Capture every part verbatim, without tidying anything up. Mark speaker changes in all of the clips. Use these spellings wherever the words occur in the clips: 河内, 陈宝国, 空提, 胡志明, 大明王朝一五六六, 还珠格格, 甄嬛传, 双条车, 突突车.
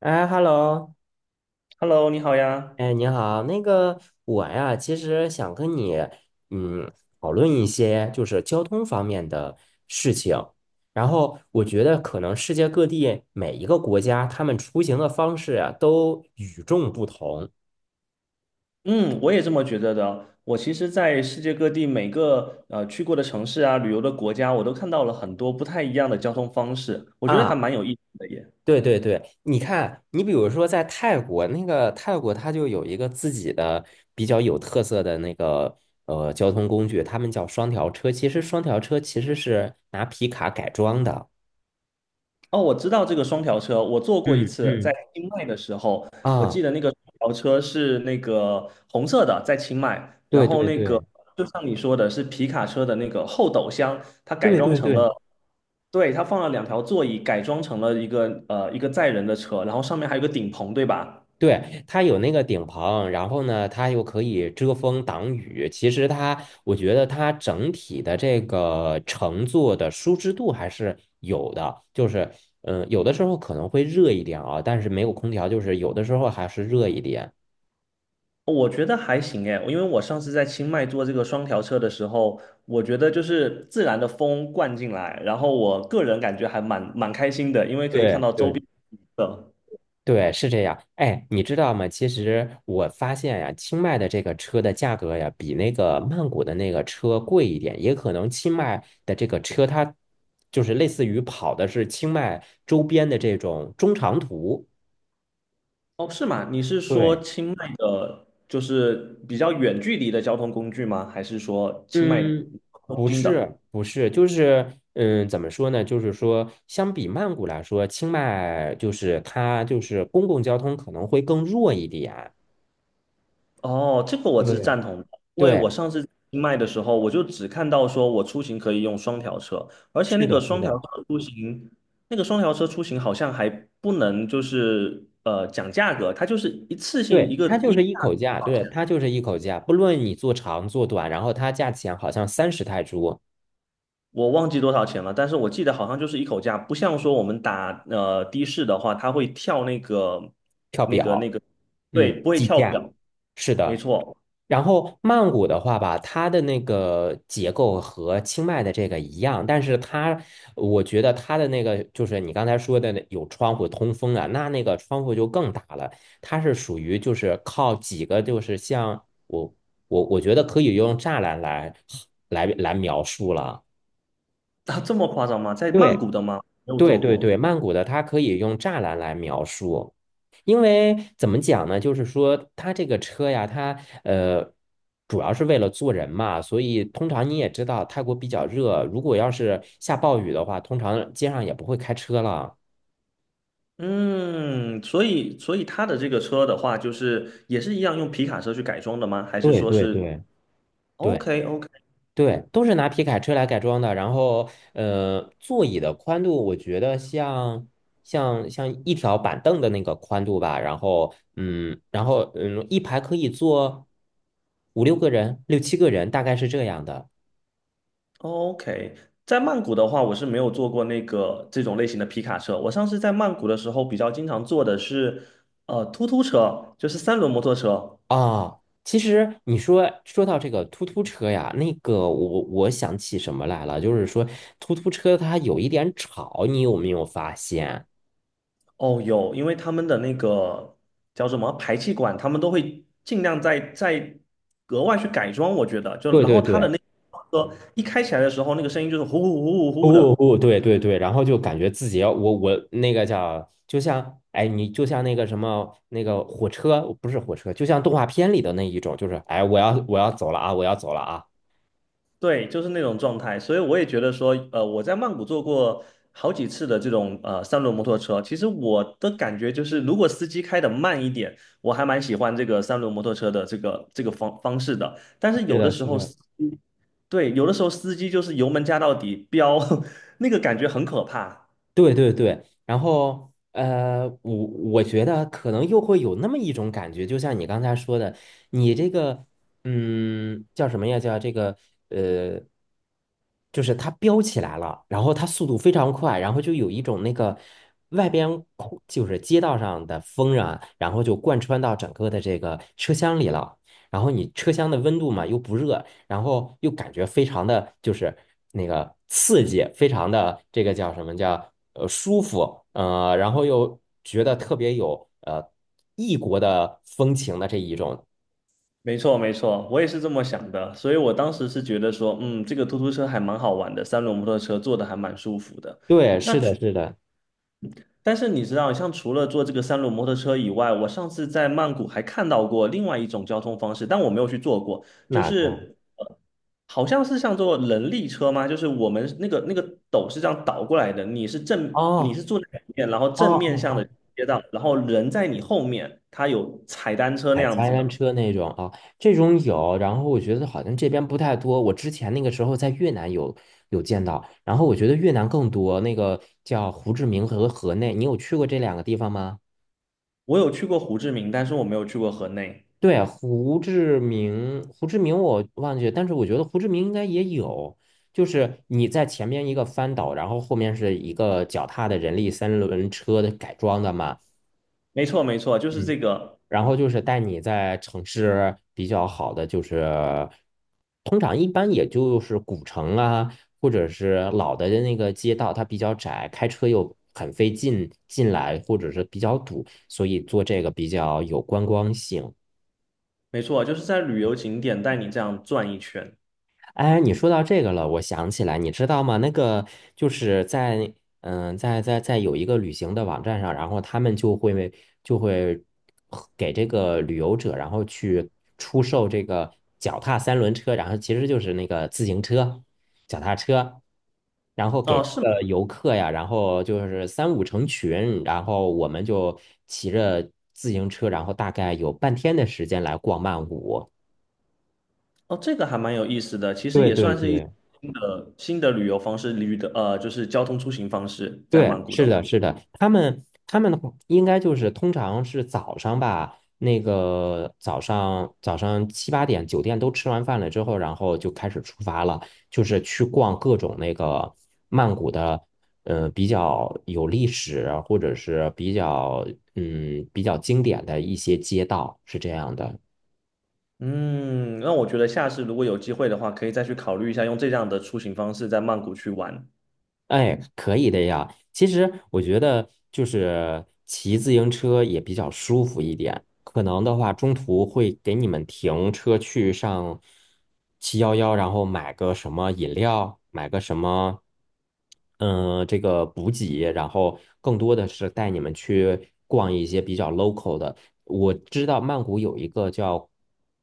Speaker 1: 哎，hello，
Speaker 2: Hello，你好呀。
Speaker 1: 哎，你好，那个我呀，其实想跟你，嗯，讨论一些就是交通方面的事情。然后我觉得可能世界各地每一个国家，他们出行的方式啊，都与众不同
Speaker 2: 嗯，我也这么觉得的。我其实，在世界各地每个呃去过的城市啊，旅游的国家，我都看到了很多不太一样的交通方式，我觉得还
Speaker 1: 啊。
Speaker 2: 蛮有意思的耶。
Speaker 1: 对对对，你看，你比如说在泰国，那个泰国它就有一个自己的比较有特色的那个呃交通工具，他们叫双条车。其实双条车其实是拿皮卡改装的。
Speaker 2: 哦，我知道这个双条车，我坐过一
Speaker 1: 嗯
Speaker 2: 次，在
Speaker 1: 嗯，
Speaker 2: 清迈的时候，我记
Speaker 1: 啊，
Speaker 2: 得那个双条车是那个红色的，在清迈，然
Speaker 1: 对
Speaker 2: 后
Speaker 1: 对
Speaker 2: 那个
Speaker 1: 对
Speaker 2: 就像你说的，是皮卡车的那个后斗箱，它改
Speaker 1: 对
Speaker 2: 装
Speaker 1: 对
Speaker 2: 成
Speaker 1: 对
Speaker 2: 了。对，它放了两条座椅，改装成了一个呃一个载人的车，然后上面还有个顶棚，对吧？
Speaker 1: 对，它有那个顶棚，然后呢，它又可以遮风挡雨。其实它，我觉得它整体的这个乘坐的舒适度还是有的，就是嗯、呃有的时候可能会热一点啊，但是没有空调，就是有的时候还是热一点。
Speaker 2: 我觉得还行诶，因为我上次在清迈坐这个双条车的时候，我觉得就是自然的风灌进来，然后我个人感觉还蛮蛮开心的，因为可以看
Speaker 1: 对
Speaker 2: 到周
Speaker 1: 对。
Speaker 2: 边的。
Speaker 1: 对，是这样。哎，你知道吗？其实我发现呀，清迈的这个车的价格呀，比那个曼谷的那个车贵一点。也可能清迈的这个车，它就是类似于跑的是清迈周边的这种中长途。
Speaker 2: 哦，是吗？你是说
Speaker 1: 对，
Speaker 2: 清迈的，就是比较远距离的交通工具吗？还是说清迈中
Speaker 1: 嗯，不
Speaker 2: 心
Speaker 1: 是，
Speaker 2: 的？
Speaker 1: 不是，就是嗯，怎么说呢？就是说，相比曼谷来说，清迈就是它就是公共交通可能会更弱一点。
Speaker 2: 哦，这个我是
Speaker 1: 对，
Speaker 2: 赞同的，因为
Speaker 1: 对，
Speaker 2: 我上次卖的时候，我就只看到说我出行可以用双条车，而且
Speaker 1: 是
Speaker 2: 那
Speaker 1: 的，
Speaker 2: 个
Speaker 1: 是
Speaker 2: 双条
Speaker 1: 的。
Speaker 2: 车出行，那个双条车出行好像还不能就是呃讲价格，它就是一次性
Speaker 1: 对，
Speaker 2: 一个
Speaker 1: 它就
Speaker 2: 一个
Speaker 1: 是一
Speaker 2: 价
Speaker 1: 口
Speaker 2: 格
Speaker 1: 价，
Speaker 2: 多少
Speaker 1: 对，
Speaker 2: 钱，
Speaker 1: 它就是一口价，不论你做长做短，然后它价钱好像三十泰铢
Speaker 2: 我忘记多少钱了，但是我记得好像就是一口价，不像说我们打呃的士的话，它会跳那个
Speaker 1: 跳
Speaker 2: 那个那
Speaker 1: 表，
Speaker 2: 个，
Speaker 1: 嗯，
Speaker 2: 对，不会
Speaker 1: 计
Speaker 2: 跳
Speaker 1: 价，
Speaker 2: 表，
Speaker 1: 是
Speaker 2: 没
Speaker 1: 的。
Speaker 2: 错，
Speaker 1: 然后曼谷的话吧，它的那个结构和清迈的这个一样，但是它，我觉得它的那个就是你刚才说的那有窗户通风啊，那那个窗户就更大了，它是属于就是靠几个就是像我我我觉得可以用栅栏来来来描述了。
Speaker 2: 啊，这么夸张吗？在曼
Speaker 1: 对，
Speaker 2: 谷的吗？没有
Speaker 1: 对
Speaker 2: 做
Speaker 1: 对
Speaker 2: 过。
Speaker 1: 对，曼谷的它可以用栅栏来描述，因为怎么讲呢？就是说它这个车呀，它呃主要是为了坐人嘛，所以通常你也知道，泰国比较热，如果要是下暴雨的话，通常街上也不会开车了。
Speaker 2: 嗯，所以所以他的这个车的话，就是也是一样用皮卡车去改装的吗？还是
Speaker 1: 对
Speaker 2: 说
Speaker 1: 对
Speaker 2: 是
Speaker 1: 对对。
Speaker 2: OK OK
Speaker 1: 对，都是拿皮卡车来改装的。然后，呃，座椅的宽度，我觉得像像像一条板凳的那个宽度吧。然后，嗯，然后嗯，一排可以坐五六个人、六七个人，大概是这样的。
Speaker 2: OK？在曼谷的话，我是没有坐过那个这种类型的皮卡车。我上次在曼谷的时候，比较经常坐的是呃突突车，就是三轮摩托车。
Speaker 1: 啊。其实你说说到这个突突车呀，那个我我想起什么来了，就是说突突车它有一点吵，你有没有发现？
Speaker 2: 哦，有，因为他们的那个叫什么排气管，他们都会尽量在在格外去改装。我觉得，就
Speaker 1: 对
Speaker 2: 然
Speaker 1: 对
Speaker 2: 后他的
Speaker 1: 对。
Speaker 2: 那个车一开起来的时候，那个声音就是呼呼呼呼呼
Speaker 1: 不
Speaker 2: 的。
Speaker 1: 不，对对对，然后就感觉自己要我我那个叫，就像哎，你就像那个什么那个火车，不是火车，就像动画片里的那一种，就是哎，我要我要走了啊，我要走了啊。
Speaker 2: 对，就是那种状态，所以我也觉得说，呃，我在曼谷坐过好几次的这种呃三轮摩托车。其实我的感觉就是，如果司机开的慢一点，我还蛮喜欢这个三轮摩托车的这个这个方方式的。但是
Speaker 1: 是
Speaker 2: 有的
Speaker 1: 的，
Speaker 2: 时
Speaker 1: 是
Speaker 2: 候
Speaker 1: 的，
Speaker 2: 司机，对，有的时候司机就是油门加到底飙，那个感觉很可怕。
Speaker 1: 对对对，然后呃，我我觉得可能又会有那么一种感觉，就像你刚才说的，你这个嗯叫什么呀？叫这个呃，就是它飙起来了，然后它速度非常快，然后就有一种那个外边空就是街道上的风啊，然后就贯穿到整个的这个车厢里了，然后你车厢的温度嘛又不热，然后又感觉非常的就是那个刺激，非常的这个叫什么叫呃舒服，呃，然后又觉得特别有呃异国的风情的这一种。
Speaker 2: 没错，没错，我也是这么想的。所以我当时是觉得说，嗯，这个突突车还蛮好玩的，三轮摩托车坐的还蛮舒服的。
Speaker 1: 对，是的，是的，
Speaker 2: 但是你知道，像除了坐这个三轮摩托车以外，我上次在曼谷还看到过另外一种交通方式，但我没有去坐过，就
Speaker 1: 哪个？
Speaker 2: 是呃好像是像坐人力车吗？就是我们那个那个斗是这样倒过来的，你是
Speaker 1: 哦
Speaker 2: 正你是坐在里面，然后
Speaker 1: 哦
Speaker 2: 正面
Speaker 1: 哦
Speaker 2: 向的
Speaker 1: 哦，
Speaker 2: 街道，然后人在你后面，他有踩单车那
Speaker 1: 海
Speaker 2: 样子
Speaker 1: 滩
Speaker 2: 的。
Speaker 1: 车那种啊，这种有，然后我觉得好像这边不太多。我之前那个时候在越南有有见到，然后我觉得越南更多，那个叫胡志明和河内，你有去过这两个地方吗？
Speaker 2: 我有去过胡志明，但是我没有去过河内。
Speaker 1: 对啊，胡志明，胡志明我忘记了，但是我觉得胡志明应该也有，就是你在前面一个翻斗，然后后面是一个脚踏的人力三轮车的改装的嘛，
Speaker 2: 没错，没错，就是
Speaker 1: 嗯，
Speaker 2: 这个，
Speaker 1: 然后就是带你在城市比较好的，就是通常一般也就是古城啊，或者是老的那个街道，它比较窄，开车又很费劲进来，或者是比较堵，所以做这个比较有观光性。
Speaker 2: 没错，就是在旅游景点带你这样转一圈。
Speaker 1: 哎，你说到这个了，我想起来，你知道吗？那个就是在嗯，在在在有一个旅行的网站上，然后他们就会就会给这个旅游者，然后去出售这个脚踏三轮车，然后其实就是那个自行车、脚踏车，然后给
Speaker 2: 哦，
Speaker 1: 这
Speaker 2: 是吗？
Speaker 1: 个游客呀，然后就是三五成群，然后我们就骑着自行车，然后大概有半天的时间来逛曼谷。
Speaker 2: 哦，这个还蛮有意思的，其实
Speaker 1: 对
Speaker 2: 也
Speaker 1: 对
Speaker 2: 算是一种
Speaker 1: 对。
Speaker 2: 新的新的旅游方式，旅的呃，就是交通出行方式，在曼
Speaker 1: 对，
Speaker 2: 谷
Speaker 1: 是
Speaker 2: 的话，
Speaker 1: 的，是的，他们他们的话应该就是通常是早上吧，那个早上早上七八点酒店都吃完饭了之后，然后就开始出发了，就是去逛各种那个曼谷的，呃，比较有历史或者是比较嗯比较经典的一些街道，是这样的。
Speaker 2: 嗯，那我觉得下次如果有机会的话，可以再去考虑一下用这样的出行方式在曼谷去玩。
Speaker 1: 哎，可以的呀。其实我觉得就是骑自行车也比较舒服一点。可能的话，中途会给你们停车去上七幺幺，然后买个什么饮料，买个什么，嗯、这个补给，然后更多的是带你们去逛一些比较 local 的。我知道曼谷有一个叫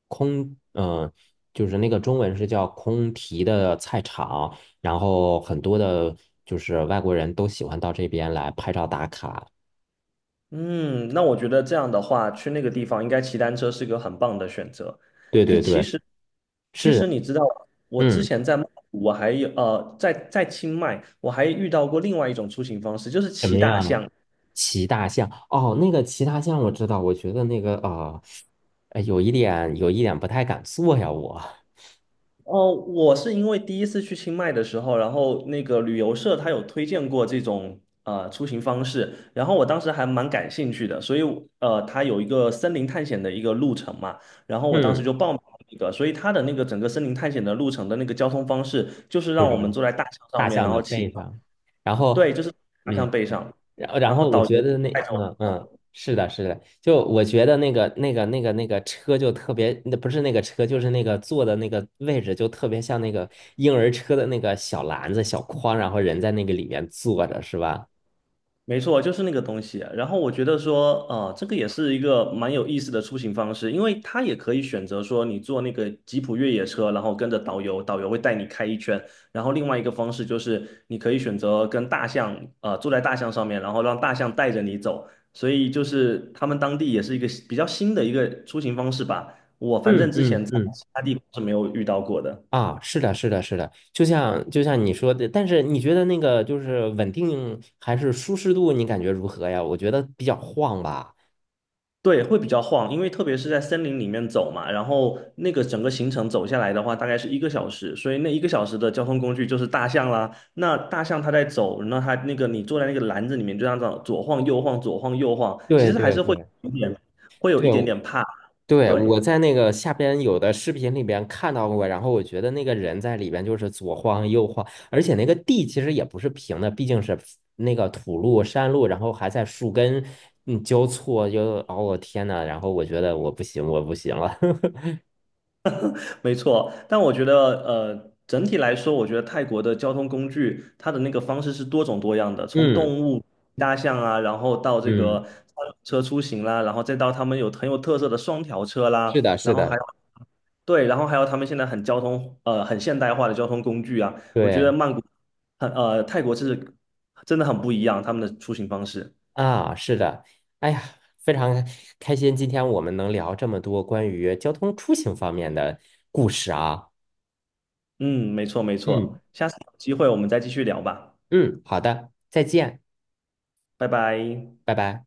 Speaker 1: 空，嗯、就是那个中文是叫空提的菜场。然后很多的就是外国人都喜欢到这边来拍照打卡。
Speaker 2: 嗯，那我觉得这样的话，去那个地方应该骑单车是个很棒的选择。
Speaker 1: 对
Speaker 2: 哎，
Speaker 1: 对
Speaker 2: 其
Speaker 1: 对，
Speaker 2: 实其实
Speaker 1: 是，
Speaker 2: 你知道，我之
Speaker 1: 嗯，
Speaker 2: 前在曼谷，我还有呃，在在清迈，我还遇到过另外一种出行方式，就是
Speaker 1: 怎么
Speaker 2: 骑大
Speaker 1: 样？
Speaker 2: 象。
Speaker 1: 骑大象，哦，那个骑大象我知道，我觉得那个啊，呃，哎有一点有一点不太敢坐呀，我，
Speaker 2: 哦，我是因为第一次去清迈的时候，然后那个旅游社他有推荐过这种呃出行方式，然后我当时还蛮感兴趣的，所以呃，他有一个森林探险的一个路程嘛，然后我当时
Speaker 1: 嗯，
Speaker 2: 就报名了那个，所以他的那个整个森林探险的路程的那个交通方式，就是
Speaker 1: 就
Speaker 2: 让我们
Speaker 1: 是
Speaker 2: 坐在大象上
Speaker 1: 大
Speaker 2: 面，
Speaker 1: 象
Speaker 2: 然
Speaker 1: 的
Speaker 2: 后骑，
Speaker 1: 背上，然后，
Speaker 2: 对，就是大
Speaker 1: 嗯。
Speaker 2: 象背上，
Speaker 1: 然后然
Speaker 2: 然后
Speaker 1: 后我
Speaker 2: 导
Speaker 1: 觉
Speaker 2: 游
Speaker 1: 得那
Speaker 2: 带着
Speaker 1: 嗯嗯是的，是的，就我觉得那个那个那个那个车就特别，那不是那个车，就是那个坐的那个位置就特别像那个婴儿车的那个小篮子、小筐，然后人在那个里面坐着，是吧？
Speaker 2: 没错，就是那个东西。然后我觉得说，啊、这个也是一个蛮有意思的出行方式，因为它也可以选择说你坐那个吉普越野车，然后跟着导游，导游会带你开一圈。然后另外一个方式就是你可以选择跟大象，呃，坐在大象上面，然后让大象带着你走。所以就是他们当地也是一个比较新的一个出行方式吧。我反
Speaker 1: 嗯
Speaker 2: 正之
Speaker 1: 嗯
Speaker 2: 前在
Speaker 1: 嗯。
Speaker 2: 其他地方是没有遇到过的。
Speaker 1: 啊，是的，是的，是的，就像就像你说的，但是你觉得那个就是稳定还是舒适度，你感觉如何呀？我觉得比较晃吧。
Speaker 2: 对，会比较晃，因为特别是在森林里面走嘛，然后那个整个行程走下来的话，大概是一个小时，所以那一个小时的交通工具就是大象啦。那大象它在走，那它那个你坐在那个篮子里面，就这样子左晃右晃，左晃右晃，其
Speaker 1: 对
Speaker 2: 实还
Speaker 1: 对
Speaker 2: 是会
Speaker 1: 对
Speaker 2: 有一点，会有一
Speaker 1: 对，
Speaker 2: 点
Speaker 1: 我
Speaker 2: 点怕。
Speaker 1: 对，
Speaker 2: 对，
Speaker 1: 我在那个下边有的视频里边看到过，然后我觉得那个人在里边就是左晃右晃，而且那个地其实也不是平的，毕竟是那个土路、山路，然后还在树根嗯交错，就哦我天呐，然后我觉得我不行，我不行了。
Speaker 2: 没错，但我觉得，呃，整体来说，我觉得泰国的交通工具，它的那个方式是多种多样的，从
Speaker 1: 嗯
Speaker 2: 动物、大象啊，然后到这个
Speaker 1: 嗯，
Speaker 2: 三轮车出行啦，然后再到他们有很有特色的双条车
Speaker 1: 是
Speaker 2: 啦，
Speaker 1: 的，是
Speaker 2: 然后还
Speaker 1: 的，
Speaker 2: 有对，然后还有他们现在很交通，呃，很现代化的交通工具啊，我觉得
Speaker 1: 对
Speaker 2: 曼谷很，呃，泰国是真的很不一样，他们的出行方式。
Speaker 1: 啊，是的，哎呀，非常开心，今天我们能聊这么多关于交通出行方面的故事啊。
Speaker 2: 嗯，没错没错，
Speaker 1: 嗯。
Speaker 2: 下次有机会我们再继续聊吧，
Speaker 1: 嗯，好的，再见，
Speaker 2: 拜拜。
Speaker 1: 拜拜。